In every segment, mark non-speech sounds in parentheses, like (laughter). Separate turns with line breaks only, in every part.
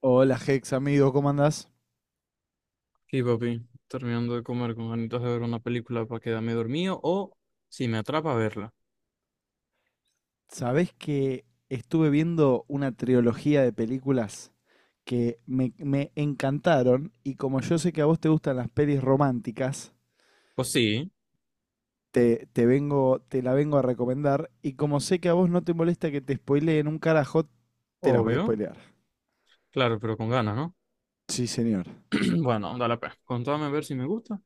Hola Hex, amigo, ¿cómo andás?
Sí, papi, terminando de comer con ganitas de ver una película para quedarme dormido o si me atrapa verla.
¿Sabés que estuve viendo una trilogía de películas que me encantaron y como yo sé que a vos te gustan las pelis románticas,
Pues sí,
te la vengo a recomendar y como sé que a vos no te molesta que te spoileen un carajo, te las voy a
obvio,
spoilear.
claro, pero con ganas, ¿no?
Sí, señor.
(clears throat) Bueno, dale pe. Contame a ver si me gusta.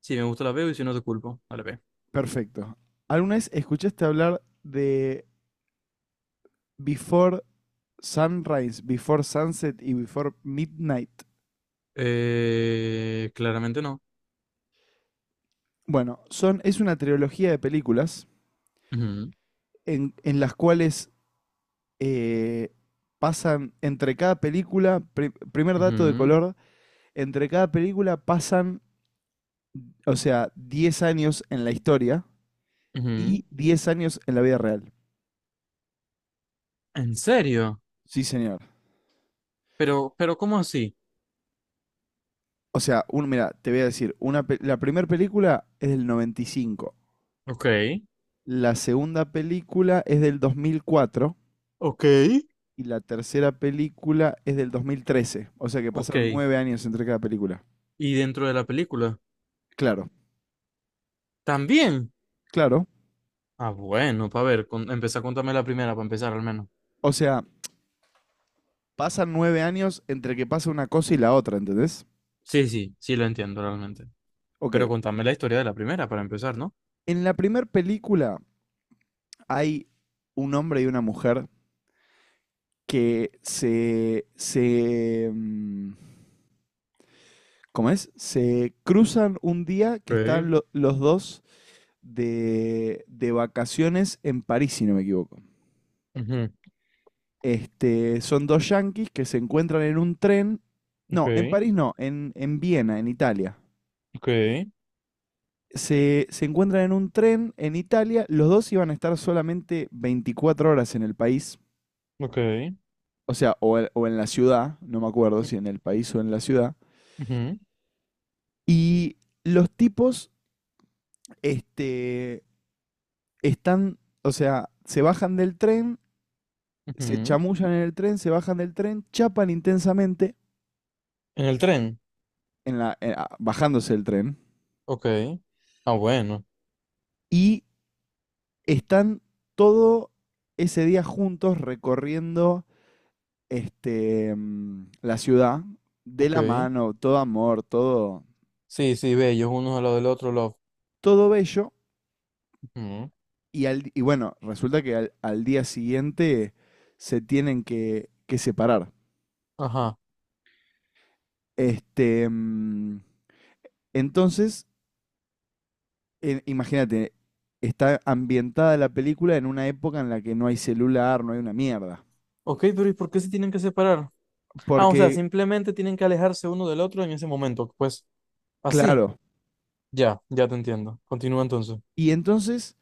Si me gusta la veo y si no te culpo, dale pe.
Perfecto. ¿Alguna vez escuchaste hablar de Before Sunrise, Before Sunset y Before Midnight?
Claramente no.
Bueno, es una trilogía de películas
Ujú,
en las cuales eh, pasan entre cada película, primer dato de
ujú,
color, entre cada película pasan, o sea, 10 años en la historia
ujú.
y 10 años en la vida real.
¿En serio?
Sí, señor.
Pero ¿cómo así?
O sea, mira, te voy a decir, la primera película es del noventa y cinco.
Ok,
La segunda película es del 2004
ok,
y la tercera película es del 2013. O sea que pasaron
ok.
9 años entre cada película.
¿Y dentro de la película?
Claro,
También.
claro.
Ah, bueno, para ver, empezá a contarme la primera para empezar al menos.
O sea, pasan 9 años entre que pasa una cosa y la otra, ¿entendés?
Sí, sí, sí lo entiendo realmente.
Ok,
Pero contame la historia de la primera para empezar, ¿no?
en la primera película hay un hombre y una mujer que se, ¿cómo es? Se cruzan un día que
Okay.
están los dos de vacaciones en París, si no me equivoco.
Ujú.
Son dos yanquis que se encuentran en un tren. No, en
Okay.
París no, en Viena, en Italia.
Okay.
Se encuentran en un tren en Italia. Los dos iban a estar solamente 24 horas en el país,
Okay.
o sea, o en la ciudad, no me acuerdo
u-
si en el país o en la ciudad.
Ujú,
Y los tipos este, están, o sea, se bajan del tren, se
ujú.
chamullan en el tren, se bajan del tren, chapan intensamente,
En el tren.
bajándose del tren,
Okay. Ah, bueno.
y están todo ese día juntos recorriendo la ciudad de la
Okay.
mano, todo amor, todo,
Sí, sí, ve, ellos unos al lado del otro, love.
todo bello.
Ujú.
Y bueno, resulta que al día siguiente se tienen que separar.
Ajá.
Este, mm, entonces, imagínate, está ambientada la película en una época en la que no hay celular, no hay una mierda.
Okay, pero ¿y por qué se tienen que separar? Ah, o sea,
Porque,
simplemente tienen que alejarse uno del otro en ese momento. Pues así.
claro,
Ya, ya te entiendo. Continúa entonces.
y entonces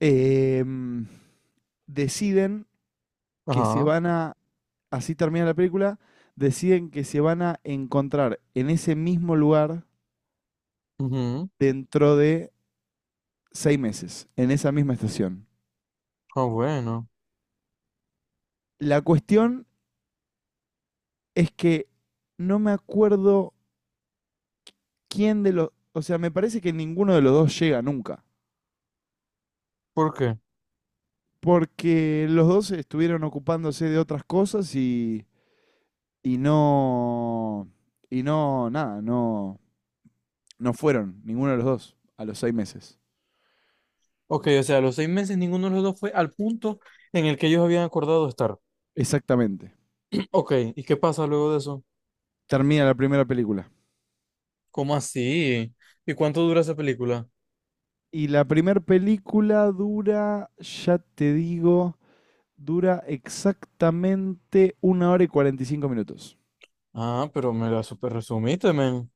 em, deciden que se
Ajá.
van a, así termina la película, deciden que se van a encontrar en ese mismo lugar
Ujú.
dentro de 6 meses, en esa misma estación.
Ah, bueno.
La cuestión es que no me acuerdo O sea, me parece que ninguno de los dos llega nunca.
¿Por qué?
Porque los dos estuvieron ocupándose de otras cosas y no. Y no, nada, no fueron ninguno de los dos a los 6 meses.
Ok, o sea, los 6 meses ninguno de los dos fue al punto en el que ellos habían acordado estar.
Exactamente.
(clears throat) Ok, ¿y qué pasa luego de eso?
Termina la primera película.
¿Cómo así? ¿Y cuánto dura esa película?
Y la primera película dura, ya te digo, dura exactamente 1 hora y 45 minutos.
Ah, pero me la super resumiste, men.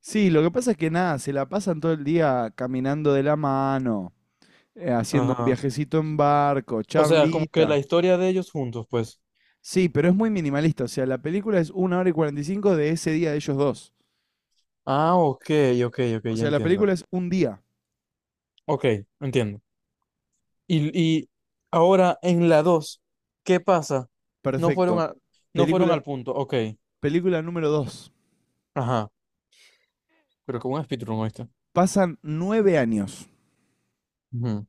Sí, lo que pasa es que nada, se la pasan todo el día caminando de la mano, haciendo un
Ajá.
viajecito en barco,
O sea, como que la
charlita.
historia de ellos juntos, pues.
Sí, pero es muy minimalista, o sea, la película es 1 hora y 45 de ese día de ellos dos.
Ah, ok, ok, ok,
O
ya
sea, la
entiendo.
película es un día,
Ok, entiendo. Y ahora en la dos, ¿qué pasa? No fueron
perfecto.
a- no fueron
Película,
al punto, ok.
película número dos.
Ajá, pero como un speedrun, ¿oíste?
Pasan 9 años.
Ujú,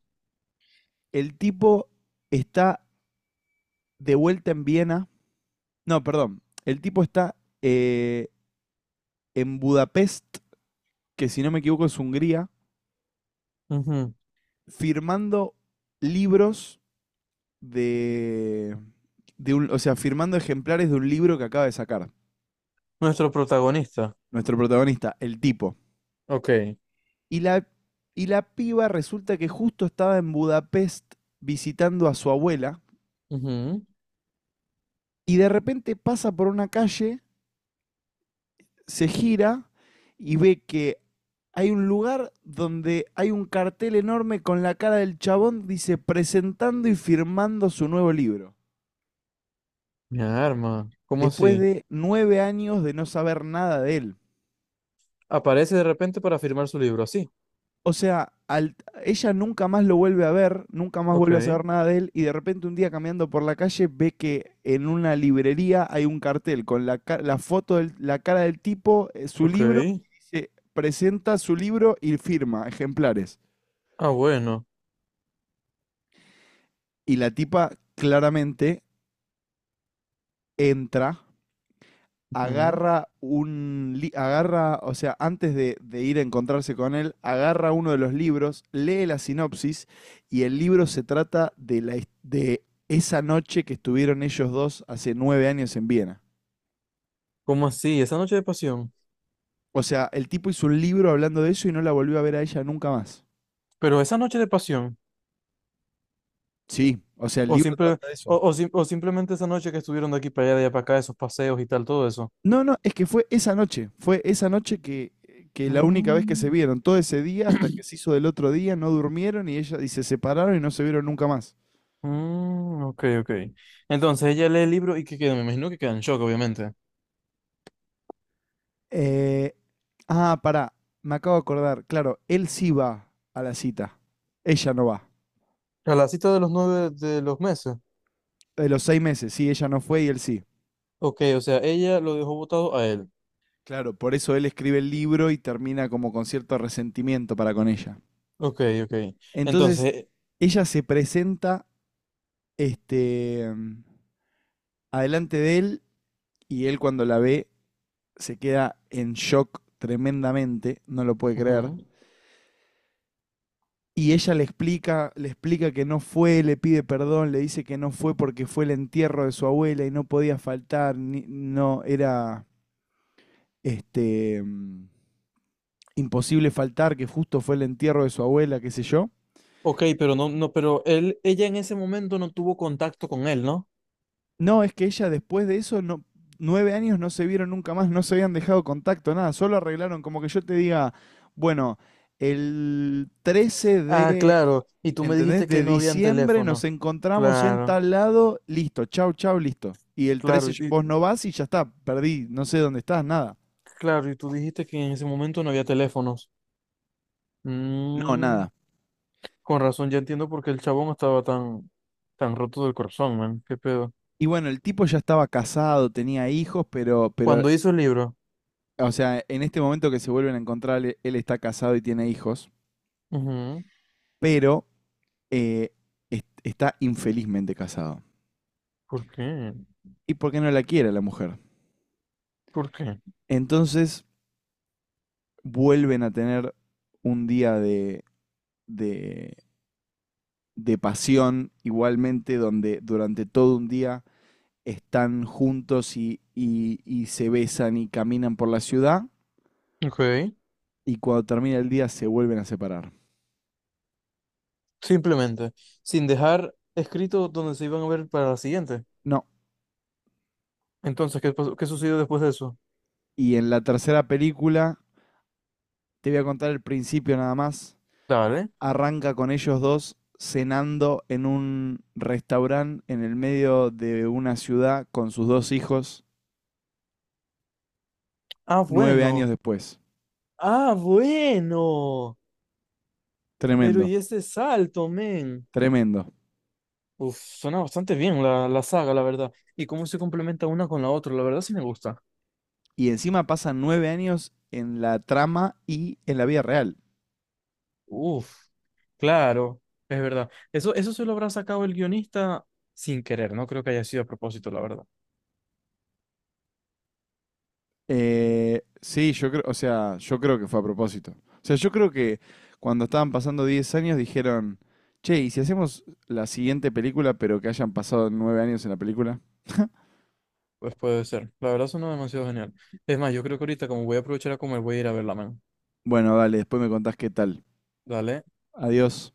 El tipo está de vuelta en Viena. No, perdón. El tipo está eh, en Budapest, que si no me equivoco es Hungría,
ujú.
firmando libros de, o sea, firmando ejemplares de un libro que acaba de sacar.
Nuestro protagonista.
Nuestro protagonista, el tipo.
Ok.
Y la, y la piba resulta que justo estaba en Budapest visitando a su abuela,
Ujú.
y de repente pasa por una calle, se gira y ve que hay un lugar donde hay un cartel enorme con la cara del chabón, dice, presentando y firmando su nuevo libro,
Mi arma. ¿Cómo
después
así?
de 9 años de no saber nada de él.
Aparece de repente para firmar su libro, así.
O sea, ella nunca más lo vuelve a ver, nunca más
Ok,
vuelve a saber nada de él, y de repente un día caminando por la calle ve que en una librería hay un cartel con la foto de la cara del tipo, su
ok.
libro, y dice, presenta su libro y firma ejemplares.
Ah, bueno.
Y la tipa claramente entra,
Ujú.
agarra, o sea, antes de ir a encontrarse con él, agarra uno de los libros, lee la sinopsis, y el libro se trata de esa noche que estuvieron ellos dos hace 9 años en Viena.
¿Cómo así? Esa noche de pasión.
O sea, el tipo hizo un libro hablando de eso y no la volvió a ver a ella nunca más.
Pero esa noche de pasión.
Sí, o sea, el
O,
libro
simple,
trata de eso.
o sim- o simplemente esa noche que estuvieron de aquí para allá, de allá para acá, esos paseos y tal, todo eso.
No, no, es que fue esa noche, fue esa noche que la única vez que
Mm,
se vieron, todo ese día hasta que se hizo del otro día, no durmieron y ella y se separaron y no se vieron nunca más.
mm, ok, ok. Entonces ella lee el libro y qué queda, me imagino que queda en shock, obviamente.
Eh, pará, me acabo de acordar, claro, él sí va a la cita, ella no va.
A la cita de los 9 de los meses.
De los 6 meses, sí, ella no fue y él sí.
Ok, o sea, ella lo dejó votado a él.
Claro, por eso él escribe el libro y termina como con cierto resentimiento para con ella.
Ok, ok. Entonces,
Entonces, ella se presenta este, adelante de él, y él cuando la ve se queda en shock tremendamente, no lo puede creer.
ujú.
Y ella le explica que no fue, le pide perdón, le dice que no fue porque fue el entierro de su abuela y no podía faltar, no era este mm, imposible faltar, que justo fue el entierro de su abuela, qué sé yo.
Ok, pero no, no, pero él, ella en ese momento no tuvo contacto con él, ¿no?
No, es que ella después de eso no, 9 años no se vieron nunca más, no se habían dejado contacto, nada, solo arreglaron como que yo te diga, bueno, el 13
Ah,
de,
claro. Y tú me
¿entendés?,
dijiste que
de
no habían
diciembre nos
teléfono.
encontramos en
Claro,
tal lado, listo, chau, chau, listo. Y el
claro,
13 vos no vas y ya está, perdí, no sé dónde estás, nada.
claro, y tú dijiste que en ese momento no había teléfonos.
No,
Mm,
nada.
con razón, ya entiendo por qué el chabón estaba tan, tan roto del corazón, man. ¿Qué pedo?
Y bueno, el tipo ya estaba casado, tenía hijos, pero,
Cuando hizo el libro.
o sea, en este momento que se vuelven a encontrar, él está casado y tiene hijos,
Ujú.
pero eh, está infelizmente casado.
¿Por qué?
¿Y por qué no la quiere la mujer?
¿Por qué?
Entonces vuelven a tener un día de de pasión igualmente, donde durante todo un día están juntos, y se besan y caminan por la ciudad,
Ok.
y cuando termina el día se vuelven a separar.
Simplemente, sin dejar escrito donde se iban a ver para la siguiente.
No.
Entonces, ¿qué pasó? ¿Qué sucedió después de eso?
Y en la tercera película, te voy a contar el principio nada más,
Dale.
arranca con ellos dos cenando en un restaurante en el medio de una ciudad con sus dos hijos
Ah,
nueve
bueno.
años después.
Ah, bueno. Pero
Tremendo,
y ese salto, men.
tremendo.
Uf, suena bastante bien la saga, la verdad. Y cómo se complementa una con la otra, la verdad sí me gusta.
Y encima pasan 9 años en la trama y en la vida real.
Uf, claro, es verdad. Eso se lo habrá sacado el guionista sin querer, no creo que haya sido a propósito, la verdad.
Sí, yo creo, o sea, yo creo que fue a propósito. O sea, yo creo que cuando estaban pasando 10 años dijeron, che, ¿y si hacemos la siguiente película pero que hayan pasado 9 años en la película?
Pues puede ser. La verdad suena demasiado genial. Es más, yo creo que ahorita, como voy a aprovechar a comer, voy a ir a verla, man.
Bueno, dale, después me contás qué tal.
Dale.
Adiós.